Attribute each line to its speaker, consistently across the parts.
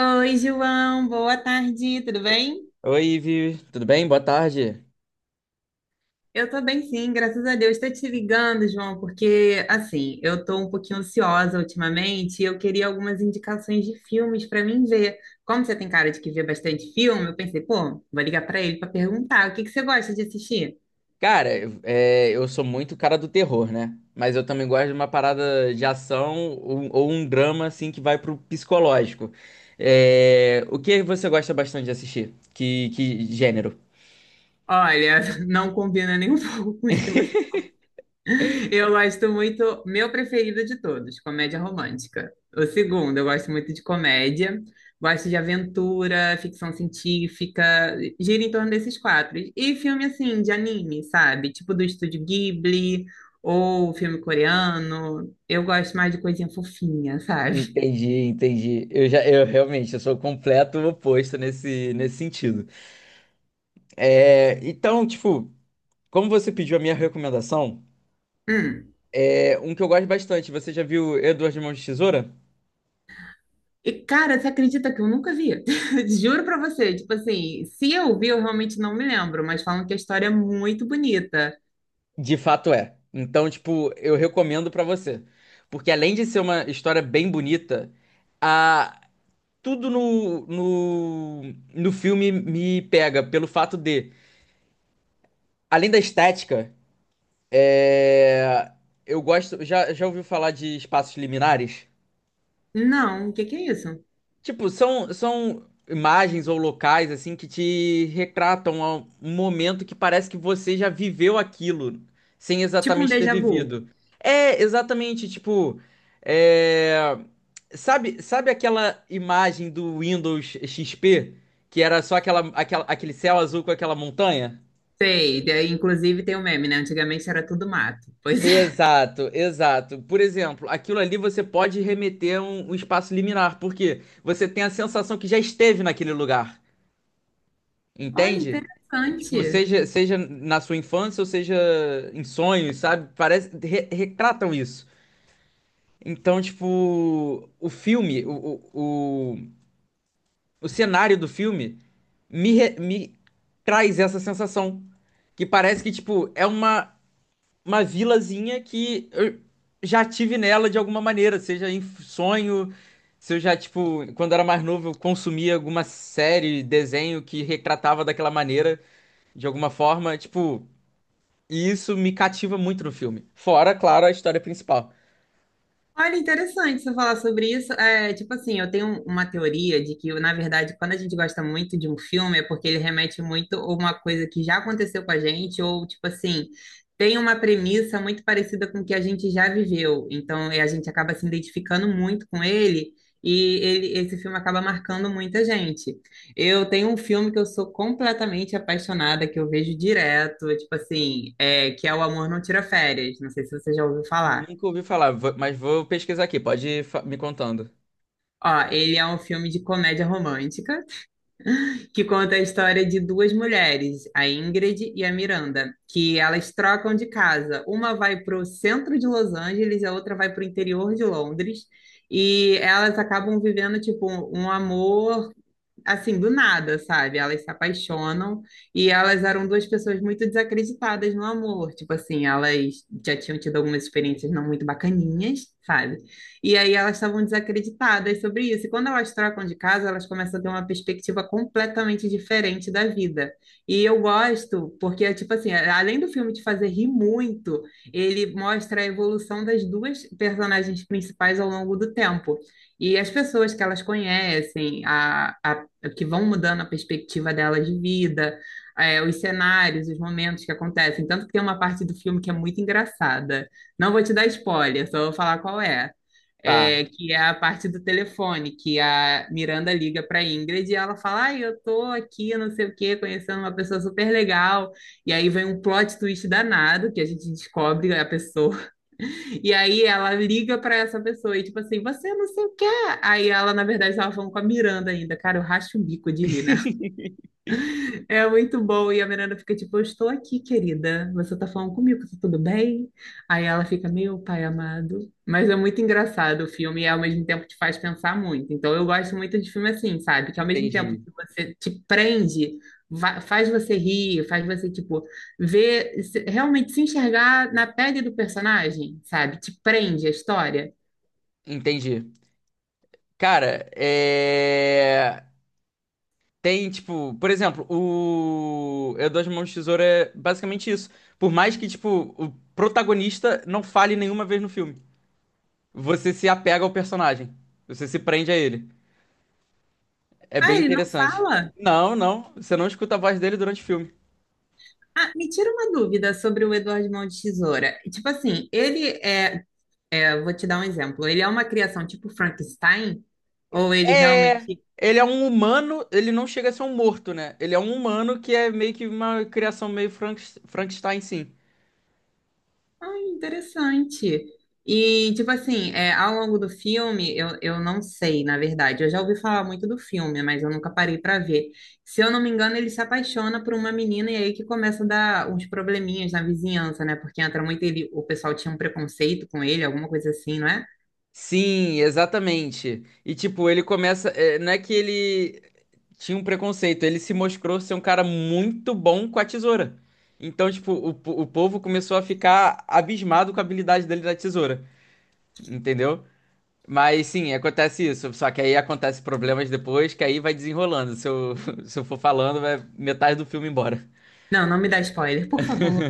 Speaker 1: Oi, João, boa tarde, tudo bem?
Speaker 2: Oi, Ivi, tudo bem? Boa tarde.
Speaker 1: Eu tô bem, sim, graças a Deus. Estou te ligando, João, porque assim, eu tô um pouquinho ansiosa ultimamente e eu queria algumas indicações de filmes para mim ver. Como você tem cara de que vê bastante filme, eu pensei, pô, vou ligar para ele para perguntar, o que que você gosta de assistir?
Speaker 2: Cara, eu sou muito cara do terror, né? Mas eu também gosto de uma parada de ação ou um drama, assim, que vai pro psicológico. É, o que você gosta bastante de assistir? Que gênero?
Speaker 1: Olha, não combina nem um pouco com o que você Eu gosto muito, meu preferido de todos, comédia romântica. O segundo, eu gosto muito de comédia, gosto de aventura, ficção científica, gira em torno desses quatro. E filme assim, de anime, sabe? Tipo do Estúdio Ghibli ou filme coreano. Eu gosto mais de coisinha fofinha, sabe?
Speaker 2: Entendi, entendi. Eu realmente, eu sou o completo oposto nesse sentido. É, então, tipo, como você pediu a minha recomendação,
Speaker 1: Hum.
Speaker 2: é um que eu gosto bastante. Você já viu Edward Mãos de Tesoura?
Speaker 1: E cara, você acredita que eu nunca vi? Juro pra você, tipo assim, se eu vi, eu realmente não me lembro, mas falam que a história é muito bonita.
Speaker 2: De fato é. Então, tipo, eu recomendo pra você. Porque além de ser uma história bem bonita, a... tudo no filme me pega pelo fato de, além da estética, é... eu gosto. Já ouviu falar de espaços liminares?
Speaker 1: Não, o que que é isso?
Speaker 2: Tipo, são imagens ou locais assim que te retratam a um momento que parece que você já viveu aquilo, sem
Speaker 1: Tipo um
Speaker 2: exatamente ter
Speaker 1: déjà vu.
Speaker 2: vivido. É exatamente, tipo, é, sabe aquela imagem do Windows XP que era só aquele céu azul com aquela montanha?
Speaker 1: Sei, daí, inclusive tem um meme, né? Antigamente era tudo mato. Pois é.
Speaker 2: Exato, exato. Por exemplo, aquilo ali você pode remeter a um espaço liminar, porque você tem a sensação que já esteve naquele lugar.
Speaker 1: Olha,
Speaker 2: Entende? Tipo,
Speaker 1: interessante.
Speaker 2: seja na sua infância ou seja em sonhos, sabe? Parece, retratam isso. Então, tipo, o filme, o, o, o cenário do filme me traz essa sensação. Que parece que, tipo, é uma vilazinha que eu já tive nela de alguma maneira, seja em sonho, se eu já, tipo, quando era mais novo, eu consumia alguma série, desenho que retratava daquela maneira, de alguma forma, tipo, e isso me cativa muito no filme. Fora, claro, a história principal.
Speaker 1: Olha, interessante você falar sobre isso. É, tipo assim, eu tenho uma teoria de que, na verdade, quando a gente gosta muito de um filme, é porque ele remete muito a uma coisa que já aconteceu com a gente, ou, tipo assim, tem uma premissa muito parecida com o que a gente já viveu. Então, é, a gente acaba se identificando muito com ele, e esse filme acaba marcando muita gente. Eu tenho um filme que eu sou completamente apaixonada, que eu vejo direto, tipo assim, é, que é O Amor Não Tira Férias. Não sei se você já ouviu falar.
Speaker 2: Nunca ouvi falar, mas vou pesquisar aqui, pode ir me contando.
Speaker 1: Ó, ele é um filme de comédia romântica que conta a história de duas mulheres, a Ingrid e a Miranda, que elas trocam de casa. Uma vai para o centro de Los Angeles, e a outra vai para o interior de Londres, e elas acabam vivendo tipo um amor assim, do nada, sabe? Elas se apaixonam e elas eram duas pessoas muito desacreditadas no amor. Tipo assim, elas já tinham tido algumas experiências não muito bacaninhas, sabe? E aí elas estavam desacreditadas sobre isso. E quando elas trocam de casa, elas começam a ter uma perspectiva completamente diferente da vida. E eu gosto, porque, tipo assim, além do filme te fazer rir muito, ele mostra a evolução das duas personagens principais ao longo do tempo. E as pessoas que elas conhecem, a que vão mudando a perspectiva dela de vida, é, os cenários, os momentos que acontecem. Tanto que tem uma parte do filme que é muito engraçada. Não vou te dar spoiler, só vou falar qual é.
Speaker 2: Tá.
Speaker 1: É, que é a parte do telefone, que a Miranda liga para Ingrid e ela fala: Ai, eu tô aqui, não sei o quê, conhecendo uma pessoa super legal. E aí vem um plot twist danado, que a gente descobre a pessoa. E aí ela liga pra essa pessoa e tipo assim, você não sei o que. Aí ela, na verdade, tava falando com a Miranda ainda. Cara, eu racho o bico de rir, né? É muito bom. E a Miranda fica tipo, eu estou aqui, querida. Você tá falando comigo, tá tudo bem? Aí ela fica, meu pai amado. Mas é muito engraçado o filme e ao mesmo tempo te faz pensar muito. Então eu gosto muito de filme assim, sabe? Que ao mesmo tempo
Speaker 2: Entendi,
Speaker 1: que você te prende, faz você rir, faz você, tipo, ver, realmente se enxergar na pele do personagem, sabe? Te prende a história.
Speaker 2: entendi. Cara, Tem, tipo, por exemplo, o Eu Dois Mãos de Tesoura é basicamente isso. Por mais que, tipo, o protagonista não fale nenhuma vez no filme, você se apega ao personagem. Você se prende a ele. É
Speaker 1: Ah,
Speaker 2: bem
Speaker 1: ele não
Speaker 2: interessante.
Speaker 1: fala?
Speaker 2: Não, não, você não escuta a voz dele durante o filme.
Speaker 1: Ah, me tira uma dúvida sobre o Eduardo Mão de Tesoura. Tipo assim, ele é. Eu vou te dar um exemplo. Ele é uma criação tipo Frankenstein? Ou ele
Speaker 2: É,
Speaker 1: realmente.
Speaker 2: ele é um humano, ele não chega a ser um morto, né? Ele é um humano que é meio que uma criação meio Frankenstein, sim.
Speaker 1: Ai, interessante. E, tipo assim, é, ao longo do filme, eu não sei, na verdade. Eu já ouvi falar muito do filme, mas eu nunca parei para ver. Se eu não me engano, ele se apaixona por uma menina e aí que começa a dar uns probleminhas na vizinhança, né? Porque entra muito ele, o pessoal tinha um preconceito com ele, alguma coisa assim, não é?
Speaker 2: Sim, exatamente. E tipo, ele começa. É, não é que ele tinha um preconceito, ele se mostrou ser um cara muito bom com a tesoura. Então, tipo, o povo começou a ficar abismado com a habilidade dele da tesoura, entendeu? Mas sim, acontece isso. Só que aí acontece problemas depois, que aí vai desenrolando. Se eu, se eu for falando, vai metade do filme embora.
Speaker 1: Não, não me dá spoiler, por favor.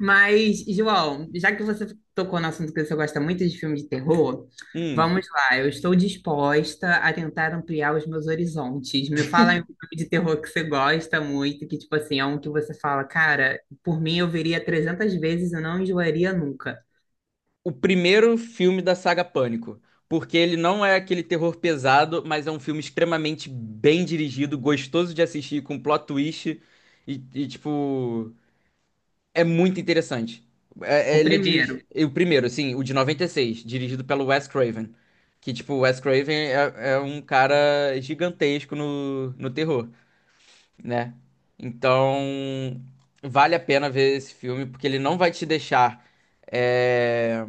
Speaker 1: Mas, João, já que você tocou no assunto que você gosta muito de filme de terror,
Speaker 2: Hum.
Speaker 1: vamos lá. Eu estou disposta a tentar ampliar os meus horizontes. Me fala em um filme de terror que você gosta muito, que, tipo assim, é um que você fala, cara, por mim eu veria 300 vezes e não enjoaria nunca.
Speaker 2: O primeiro filme da saga Pânico, porque ele não é aquele terror pesado, mas é um filme extremamente bem dirigido, gostoso de assistir, com plot twist e, e, tipo, é muito interessante.
Speaker 1: O
Speaker 2: Ele é
Speaker 1: primeiro.
Speaker 2: dirigido, o primeiro, assim, o de 96 dirigido pelo Wes Craven, que, tipo, o Wes Craven é um cara gigantesco no terror, né? Então, vale a pena ver esse filme, porque ele não vai te deixar... é,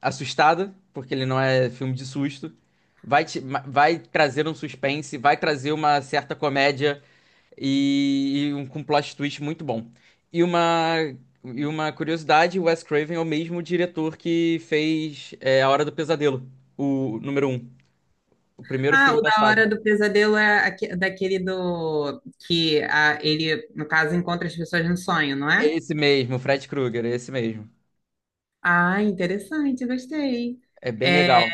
Speaker 2: assustada, porque ele não é filme de susto. Vai, vai trazer um suspense, vai trazer uma certa comédia com plot twist muito bom. E uma, e uma curiosidade, o Wes Craven é o mesmo diretor que fez A Hora do Pesadelo, o número um, o primeiro
Speaker 1: Ah,
Speaker 2: filme
Speaker 1: o
Speaker 2: da
Speaker 1: da
Speaker 2: saga.
Speaker 1: Hora do Pesadelo é daquele do... que ah, ele, no caso, encontra as pessoas no sonho, não
Speaker 2: É
Speaker 1: é?
Speaker 2: esse mesmo, Fred Krueger, é esse mesmo.
Speaker 1: Ah, interessante, gostei.
Speaker 2: É bem
Speaker 1: É,
Speaker 2: legal.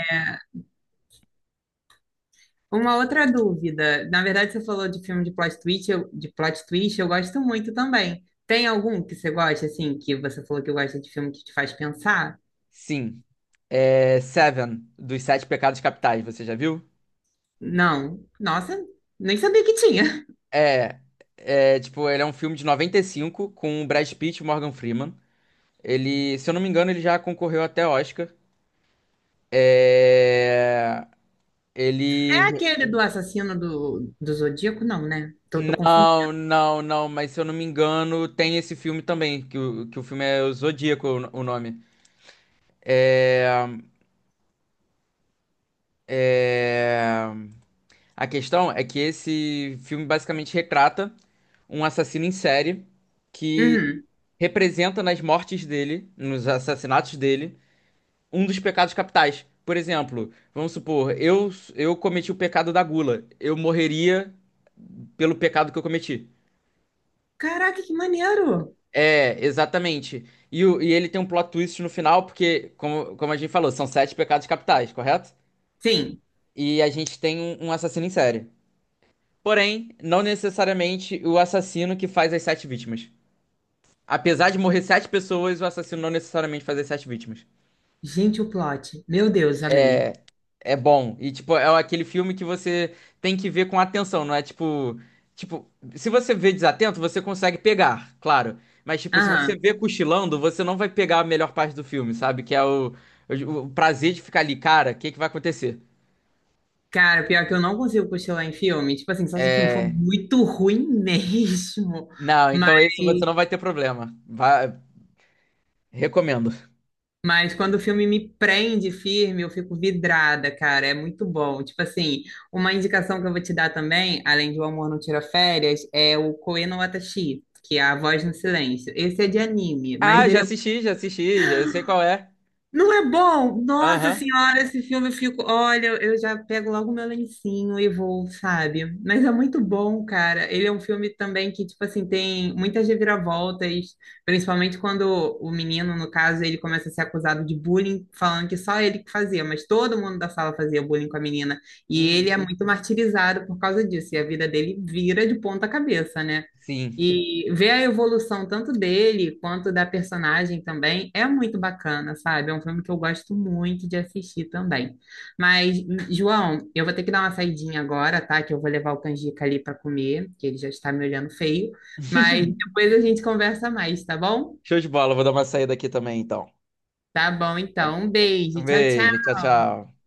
Speaker 1: uma outra dúvida. Na verdade, você falou de filme de plot twist, eu, de plot twist, eu gosto muito também. Tem algum que você gosta, assim, que você falou que gosta de filme que te faz pensar?
Speaker 2: Sim. É Seven, dos Sete Pecados Capitais, você já viu?
Speaker 1: Não. Nossa, nem sabia que tinha.
Speaker 2: É, tipo, ele é um filme de 95 com o Brad Pitt e o Morgan Freeman. Ele, se eu não me engano, ele já concorreu até Oscar. É,
Speaker 1: É
Speaker 2: ele...
Speaker 1: aquele do assassino do Zodíaco? Não, né? Tô confundindo.
Speaker 2: Não, não, não, mas se eu não me engano, tem esse filme também, que o filme é o Zodíaco, o nome. É, a questão é que esse filme basicamente retrata um assassino em série que
Speaker 1: Uhum.
Speaker 2: representa nas mortes dele, nos assassinatos dele, um dos pecados capitais. Por exemplo, vamos supor, eu cometi o pecado da gula. Eu morreria pelo pecado que eu cometi.
Speaker 1: Caraca, que maneiro!
Speaker 2: É, exatamente. E, e ele tem um plot twist no final, porque, como a gente falou, são sete pecados capitais, correto?
Speaker 1: Sim.
Speaker 2: E a gente tem um assassino em série. Porém, não necessariamente o assassino que faz as sete vítimas. Apesar de morrer sete pessoas, o assassino não necessariamente faz as sete vítimas.
Speaker 1: Gente, o plot. Meu Deus, amei.
Speaker 2: É bom. E, tipo, é aquele filme que você tem que ver com atenção, não é tipo. Tipo, se você vê desatento, você consegue pegar, claro. Mas, tipo, se você
Speaker 1: Aham.
Speaker 2: vê cochilando, você não vai pegar a melhor parte do filme, sabe? Que é o prazer de ficar ali, cara, o que que vai acontecer?
Speaker 1: Cara, pior que eu não consigo cochilar em filme. Tipo assim, só se o filme for
Speaker 2: É.
Speaker 1: muito ruim mesmo.
Speaker 2: Não,
Speaker 1: Mas.
Speaker 2: então esse você não vai ter problema. Vai... Recomendo.
Speaker 1: Mas quando o filme me prende firme, eu fico vidrada, cara. É muito bom. Tipo assim, uma indicação que eu vou te dar também, além de O Amor Não Tira Férias, é o Koe no Watashi, que é A Voz no Silêncio. Esse é de anime, mas
Speaker 2: Ah, já
Speaker 1: ele é.
Speaker 2: assisti, já assisti, já eu sei qual é.
Speaker 1: Não é bom? Nossa
Speaker 2: Aham.
Speaker 1: senhora, esse filme eu fico. Olha, eu já pego logo meu lencinho e vou, sabe? Mas é muito bom, cara. Ele é um filme também que, tipo assim, tem muitas reviravoltas, principalmente quando o menino, no caso, ele começa a ser acusado de bullying, falando que só ele que fazia, mas todo mundo da sala fazia bullying com a menina. E ele
Speaker 2: Uhum.
Speaker 1: é muito martirizado por causa disso, e a vida dele vira de ponta cabeça, né?
Speaker 2: Sim.
Speaker 1: E ver a evolução tanto dele quanto da personagem também é muito bacana, sabe? É um filme que eu gosto muito de assistir também. Mas, João, eu vou ter que dar uma saidinha agora, tá? Que eu vou levar o canjica ali para comer, que ele já está me olhando feio. Mas depois a gente conversa mais, tá bom?
Speaker 2: Show de bola, vou dar uma saída aqui também, então.
Speaker 1: Tá bom,
Speaker 2: Tá-
Speaker 1: então. Um
Speaker 2: Um
Speaker 1: beijo. Tchau,
Speaker 2: beijo,
Speaker 1: tchau.
Speaker 2: tchau, tchau.